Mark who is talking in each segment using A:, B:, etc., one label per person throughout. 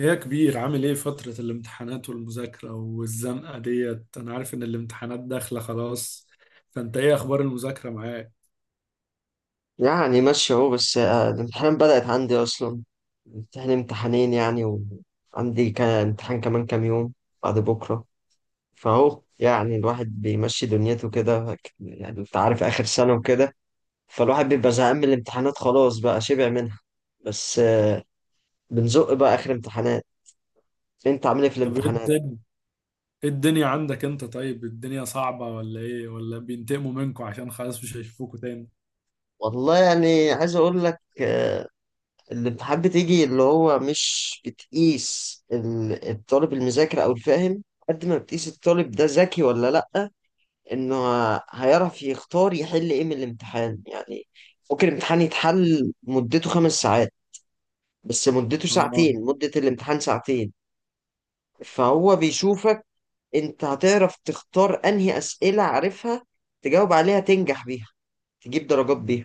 A: إيه يا كبير، عامل ايه فترة الامتحانات والمذاكرة والزنقة ديت؟ انا عارف ان الامتحانات داخلة خلاص. فانت ايه اخبار المذاكرة معاك؟
B: يعني ماشي اهو. بس الامتحان بدأت عندي أصلا، امتحان امتحانين يعني. وعندي كان امتحان كمان كام يوم، بعد بكرة. فأهو يعني الواحد بيمشي دنيته كده، يعني أنت عارف آخر سنة وكده. فالواحد بيبقى زهقان من الامتحانات، خلاص بقى شبع منها. بس بنزق بقى آخر امتحانات. أنت عامل إيه في
A: طب ايه
B: الامتحانات؟
A: الدنيا؟ ايه الدنيا عندك انت؟ طيب الدنيا صعبة ولا ايه؟ ولا بينتقموا منكوا عشان خلاص مش هيشوفوكوا تاني؟
B: والله يعني عايز أقول لك، الامتحان بتيجي اللي هو مش بتقيس الطالب المذاكر او الفاهم، قد ما بتقيس الطالب ده ذكي ولا لأ. انه هيعرف يختار يحل ايه من الامتحان يعني. ممكن الامتحان يتحل مدته خمس ساعات، بس مدته
A: اه.
B: ساعتين، مدة الامتحان ساعتين. فهو بيشوفك انت هتعرف تختار انهي اسئلة عارفها، تجاوب عليها، تنجح بيها، تجيب درجات بيها،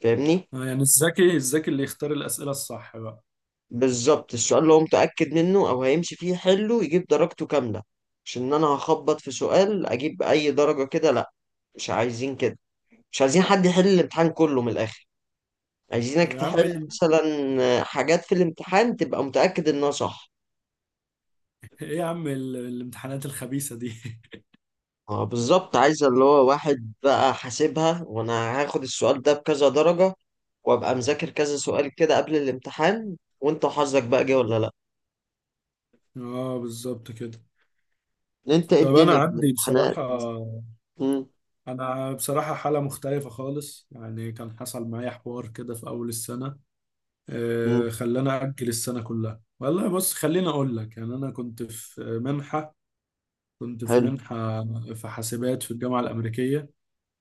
B: فاهمني.
A: يعني الذكي اللي يختار الأسئلة الصح بقى.
B: بالظبط السؤال اللي هو متأكد منه أو هيمشي فيه حله يجيب درجته كاملة. مش إن أنا هخبط في سؤال أجيب أي درجة كده، لأ، مش عايزين كده، مش عايزين حد يحل الامتحان كله من الآخر.
A: طب
B: عايزينك
A: يا عم ايه
B: تحل
A: ال-
B: مثلا حاجات في الامتحان تبقى متأكد إنها صح.
A: إيه يا عم الامتحانات الخبيثة دي.
B: اه بالظبط، عايز اللي هو واحد بقى حاسبها، وأنا هاخد السؤال ده بكذا درجة، وأبقى مذاكر كذا سؤال كده قبل الامتحان، وأنت حظك بقى جه ولا لأ.
A: اه، بالظبط كده.
B: أنت إيه
A: طب انا
B: الدنيا في
A: عندي
B: الامتحانات؟
A: بصراحة
B: مم،
A: أنا بصراحة حالة مختلفة خالص. يعني كان حصل معايا حوار كده في أول السنة،
B: مم،
A: خلاني أجل السنة كلها. والله بص خليني أقول لك، يعني أنا كنت في
B: حلو.
A: منحة في حاسبات في الجامعة الأمريكية.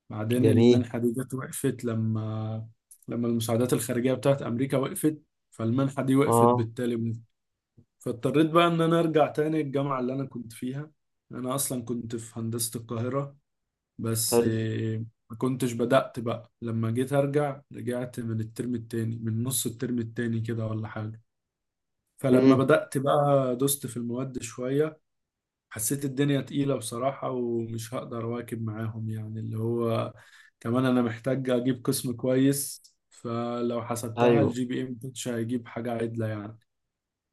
A: بعدين
B: جميل.
A: المنحة دي جت وقفت لما المساعدات الخارجية بتاعت أمريكا وقفت. فالمنحة دي وقفت
B: اه.
A: بالتالي. فاضطريت بقى إن أنا أرجع تاني الجامعة اللي أنا كنت فيها. أنا أصلا كنت في هندسة القاهرة. بس
B: حلو.
A: ما كنتش بدأت بقى. لما جيت أرجع رجعت من الترم التاني، من نص الترم التاني كده ولا حاجة. فلما
B: مم.
A: بدأت بقى دوست في المواد شوية. حسيت الدنيا تقيلة بصراحة ومش هقدر أواكب معاهم، يعني اللي هو كمان أنا محتاج أجيب قسم كويس. فلو حسبتها
B: ايوه.
A: الجي بي إم مش هيجيب حاجة عدلة يعني.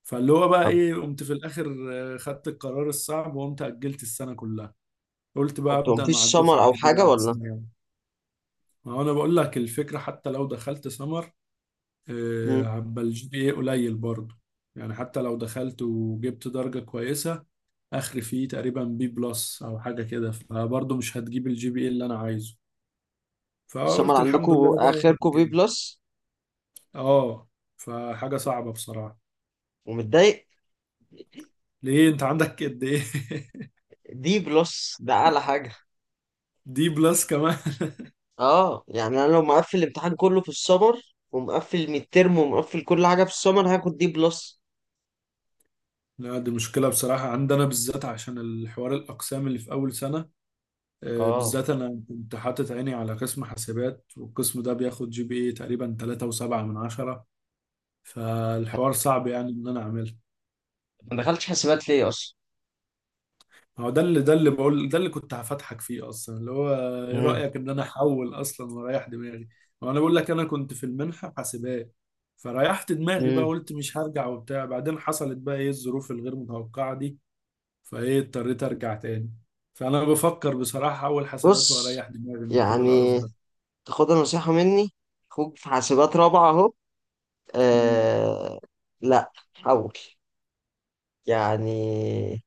A: فاللي هو بقى
B: طب
A: إيه، قمت في الآخر خدت القرار الصعب وقمت أجلت السنة كلها. قلت بقى
B: انتوا
A: أبدأ مع
B: مفيش
A: الدفعة
B: سمر او حاجه
A: الجديدة
B: ولا؟
A: أحسن يعني. ما هو انا بقول لك الفكره، حتى لو دخلت سمر
B: مم.
A: هبقى الجي بي اي قليل برضه. يعني حتى لو دخلت وجبت درجه كويسه، اخر فيه تقريبا بي بلس او حاجه كده، فبرضه مش هتجيب الجي بي اي اللي انا عايزه.
B: السمر
A: فقلت
B: عندكم
A: الحمد لله بقى
B: اخركم بي
A: رجعت.
B: بلس؟
A: اه. فحاجه صعبه بصراحه.
B: ومتضايق؟
A: ليه انت عندك قد ايه؟
B: دي بلس ده اعلى حاجه.
A: دي بلس كمان.
B: اه يعني انا لو مقفل الامتحان كله في السمر ومقفل الميد ترم ومقفل كل حاجه في السمر هاخد دي بلس.
A: لا دي مشكله بصراحه عندنا بالذات عشان الحوار الاقسام اللي في اول سنه.
B: اه
A: بالذات انا كنت حاطط عيني على قسم حاسبات، والقسم ده بياخد جي بي اي تقريبا 3.7 من 10. فالحوار صعب يعني ان انا اعمله.
B: ما دخلتش حسابات ليه اصلا؟
A: هو ده اللي بقول، ده اللي كنت هفتحك فيه اصلا، اللي هو ايه
B: مم.
A: رايك ان انا احول اصلا واريح دماغي. هو انا بقول لك انا كنت في المنحه حاسبات. فريحت دماغي بقى،
B: مم.
A: قلت مش هرجع وبتاع. بعدين حصلت بقى ايه الظروف الغير متوقعه دي، فايه اضطريت ارجع تاني. فانا بفكر بصراحه احول حاسبات
B: بص،
A: واريح دماغي من كل القرف
B: يعني تاخدها نصيحه مني، اخوك في حاسبات رابعه اهو.
A: ده.
B: آه. لا حاول. يعني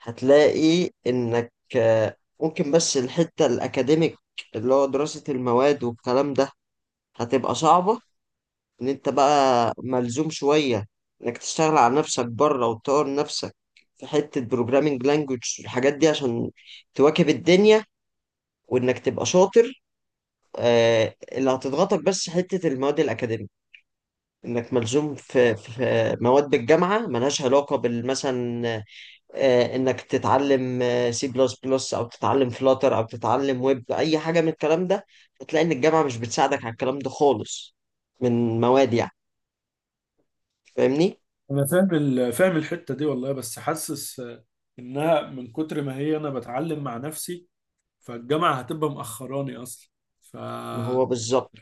B: هتلاقي انك ممكن بس الحتة الاكاديميك، اللي هو دراسة المواد والكلام ده، هتبقى صعبة. ان انت بقى ملزوم شوية انك تشتغل على نفسك بره وتطور نفسك في حتة بروجرامينج لانجوج الحاجات دي عشان تواكب الدنيا، وانك تبقى شاطر. اللي هتضغطك بس حتة المواد الأكاديمية. انك ملزوم في مواد بالجامعة ملهاش علاقة بالمثلا انك تتعلم سي بلس بلس او تتعلم فلاتر او تتعلم ويب، اي حاجه من الكلام ده هتلاقي ان الجامعه مش بتساعدك على الكلام ده خالص، من مواد يعني. فاهمني.
A: انا فاهم فاهم الحته دي والله، بس حاسس انها من كتر ما هي انا بتعلم مع نفسي، فالجامعه هتبقى مأخراني اصلا. ف
B: ما هو بالظبط،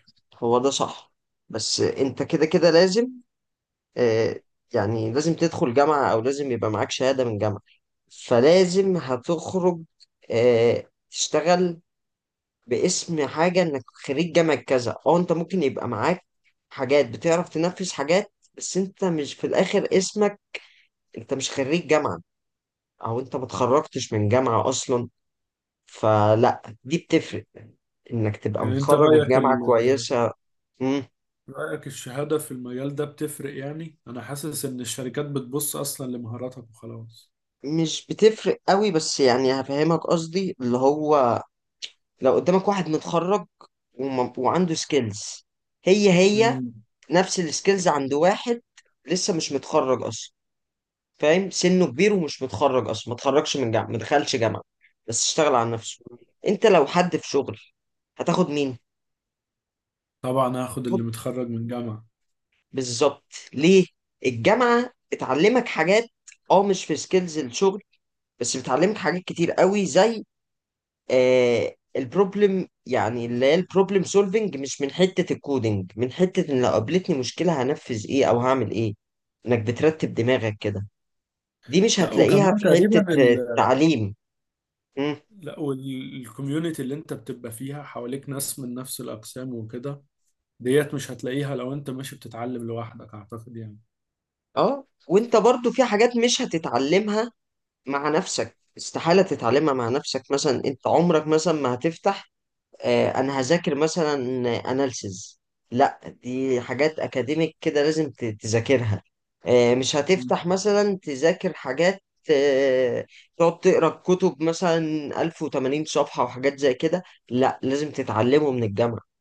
B: هو ده صح، بس انت كده كده لازم آه، يعني لازم تدخل جامعه او لازم يبقى معاك شهاده من جامعه. فلازم هتخرج تشتغل باسم حاجة انك خريج جامعة كذا. اه انت ممكن يبقى معاك حاجات بتعرف تنفذ حاجات، بس انت مش في الاخر اسمك، انت مش خريج جامعة، او انت ما اتخرجتش من جامعة اصلا. فلا دي بتفرق، انك تبقى
A: يعني انت
B: متخرج من
A: رايك
B: جامعة كويسة. مم.
A: رايك الشهاده في المجال ده بتفرق؟ يعني انا حاسس ان الشركات بتبص اصلا لمهاراتك وخلاص.
B: مش بتفرق قوي بس يعني هفهمك قصدي، اللي هو لو قدامك واحد متخرج وعنده سكيلز هي هي،
A: امم
B: نفس السكيلز عند واحد لسه مش متخرج اصلا. فاهم، سنه كبير ومش متخرج اصلا، ما اتخرجش من جامعه، ما دخلش جامعه، بس اشتغل على نفسه. انت لو حد في شغل هتاخد مين؟
A: طبعا هاخد
B: خد.
A: اللي متخرج من جامعه.
B: بالظبط. ليه؟ الجامعه بتعلمك حاجات، اه مش في سكيلز الشغل، بس بتعلمك حاجات كتير قوي زي البروبلم، يعني اللي هي البروبلم سولفنج، مش من حته الكودينج، من حته ان لو قابلتني مشكله هنفذ ايه او هعمل ايه، انك بترتب دماغك كده. دي مش
A: لا
B: هتلاقيها
A: وكمان
B: في حته
A: تقريبا
B: التعليم.
A: لا والكوميونتي اللي انت بتبقى فيها حواليك ناس من نفس الاقسام وكده. ديت مش هتلاقيها لو انت ماشي بتتعلم لوحدك اعتقد يعني.
B: اه وانت برضو في حاجات مش هتتعلمها مع نفسك، استحالة تتعلمها مع نفسك. مثلا انت عمرك مثلا ما هتفتح انا هذاكر مثلا اناليسز، لا دي حاجات اكاديميك كده لازم تذاكرها. مش
A: مم.
B: هتفتح مثلا تذاكر حاجات، آه تقعد تقرا كتب مثلا 1080 صفحة وحاجات زي كده. لا لازم تتعلمه من الجامعة،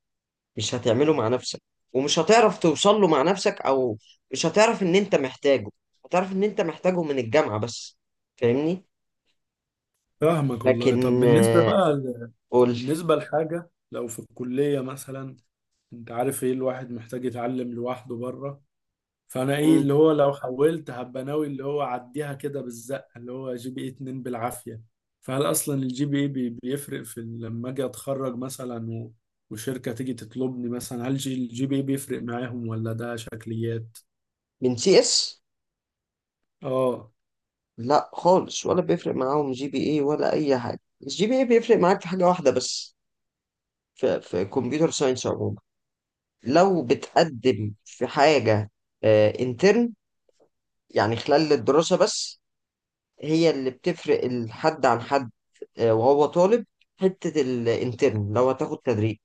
B: مش هتعمله مع نفسك، ومش هتعرف توصل له مع نفسك، او مش هتعرف ان انت محتاجه، هتعرف ان انت محتاجه من الجامعة بس. فاهمني.
A: فاهمك والله. طب
B: لكن
A: بالنسبة بقى
B: قول.
A: بالنسبة لحاجة لو في الكلية مثلا. انت عارف ايه الواحد محتاج يتعلم لوحده بره، فانا ايه
B: مم،
A: اللي هو لو حولت هبقى ناوي اللي هو اعديها كده بالزقة، اللي هو جي بي اي 2 بالعافية. فهل اصلا الجي بي اي بيفرق في لما اجي اتخرج مثلا وشركة تيجي تطلبني مثلا، هل الجي بي اي بيفرق معاهم ولا ده شكليات؟
B: من سي اس؟
A: اه.
B: لا خالص ولا بيفرق معاهم جي بي اي ولا اي حاجة. الجي بي اي بيفرق معاك في حاجة واحدة بس، في كمبيوتر ساينس عموما، لو بتقدم في حاجة انترن يعني خلال الدراسة بس، هي اللي بتفرق الحد عن حد وهو طالب. حتة الانترن لو هتاخد تدريب،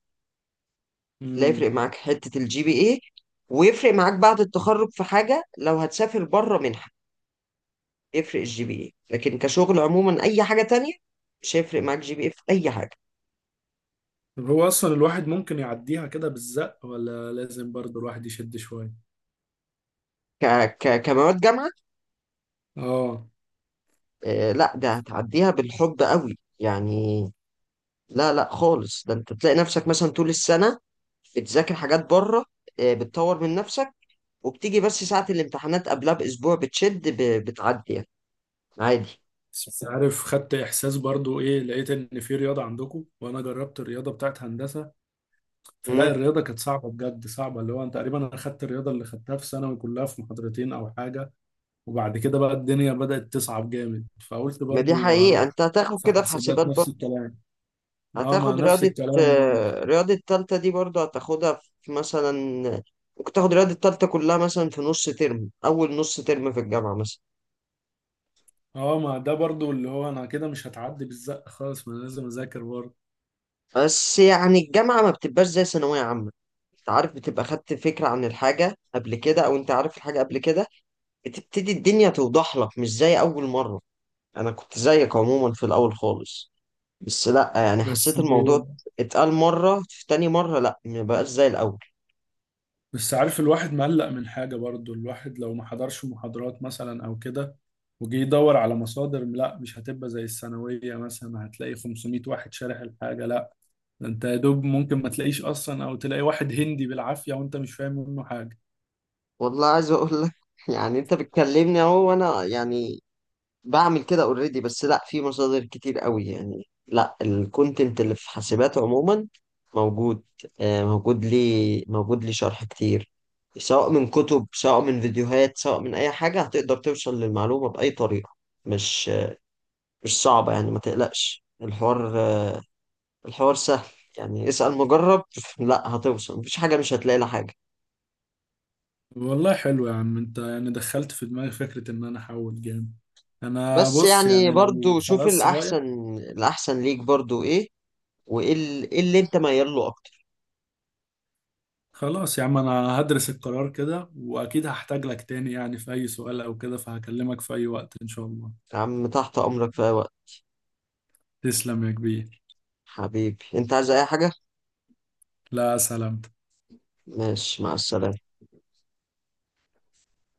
B: لا يفرق
A: امم
B: معاك حتة الجي بي اي. ويفرق معاك بعد التخرج في حاجة، لو هتسافر بره منحة يفرق الجي بي اي، لكن كشغل عموما أي حاجة تانية مش هيفرق معاك جي بي اي في أي حاجة.
A: طب هو اصلا الواحد ممكن يعديها كده بالزق ولا لازم برضه الواحد يشد شوية؟
B: ك ك كمواد جامعة،
A: اه.
B: آه لا ده هتعديها بالحب قوي يعني. لا لا خالص، ده انت تلاقي نفسك مثلا طول السنة بتذاكر حاجات بره، بتطور من نفسك، وبتيجي بس ساعة الامتحانات قبلها بأسبوع بتشد بتعدي يعني عادي.
A: بس عارف خدت احساس برضو، ايه، لقيت ان في رياضه عندكم. وانا جربت الرياضه بتاعت هندسه، فلا
B: مم.
A: الرياضه كانت صعبه بجد صعبه. اللي هو انت تقريبا انا خدت الرياضه اللي خدتها في ثانوي كلها في محاضرتين او حاجه. وبعد كده بقى الدنيا بدات تصعب جامد فقلت
B: ما دي
A: برضو
B: حقيقة.
A: هروح.
B: أنت هتاخد
A: في
B: كده في حاسبات
A: حاسبات نفس
B: برضه،
A: الكلام. اه، ما
B: هتاخد
A: نفس
B: رياضة.
A: الكلام برضو.
B: رياضة تالتة دي برضه هتاخدها في مثلا، ممكن تاخد رياضة تالتة كلها مثلا في نص ترم، أول نص ترم في الجامعة مثلا.
A: اه، ما ده برضو اللي هو انا كده مش هتعدي بالزق خالص، ما أنا لازم اذاكر برضو.
B: بس يعني الجامعة ما بتبقاش زي ثانوية عامة. أنت عارف بتبقى خدت فكرة عن الحاجة قبل كده، أو أنت عارف الحاجة قبل كده، بتبتدي الدنيا توضح لك مش زي أول مرة. أنا كنت زيك عموما في الأول خالص، بس لا يعني
A: بس.
B: حسيت الموضوع اتقال مرة، في تاني مرة لا مبقاش زي الأول.
A: بس عارف الواحد مقلق من حاجة برضو. الواحد لو ما حضرش محاضرات مثلا أو كده، وجي يدور على مصادر، لا مش هتبقى زي الثانوية مثلا هتلاقي 500 واحد شارح الحاجة، لا. ده انت يا دوب ممكن ما تلاقيش أصلا أو تلاقي واحد هندي بالعافية وانت مش فاهم منه حاجة.
B: والله عايز أقول لك يعني أنت بتكلمني أهو وأنا يعني بعمل كده أوريدي، بس لا في مصادر كتير قوي يعني. لا الكونتنت اللي في حاسبات عموما موجود، موجود لي شرح كتير، سواء من كتب سواء من فيديوهات سواء من أي حاجة، هتقدر توصل للمعلومة بأي طريقة. مش مش صعبة يعني، ما تقلقش، الحوار الحوار سهل يعني، اسأل مجرب. لا هتوصل، مفيش حاجة مش هتلاقي لها حاجة.
A: والله حلو يا عم انت، يعني دخلت في دماغي فكرة ان انا احول جامد. انا
B: بس
A: بص
B: يعني
A: يعني لو
B: برضو شوف
A: خلاص رايح.
B: الأحسن، الأحسن ليك برضو إيه، وإيه إيه اللي أنت ميال له أكتر.
A: خلاص يا عم انا هدرس القرار كده، واكيد هحتاج لك تاني يعني في اي سؤال او كده، فهكلمك في اي وقت ان شاء الله.
B: يا عم تحت أمرك في أي وقت.
A: تسلم يا كبير.
B: حبيبي أنت عايز أي حاجة؟
A: لا، سلام.
B: ماشي مع السلامة.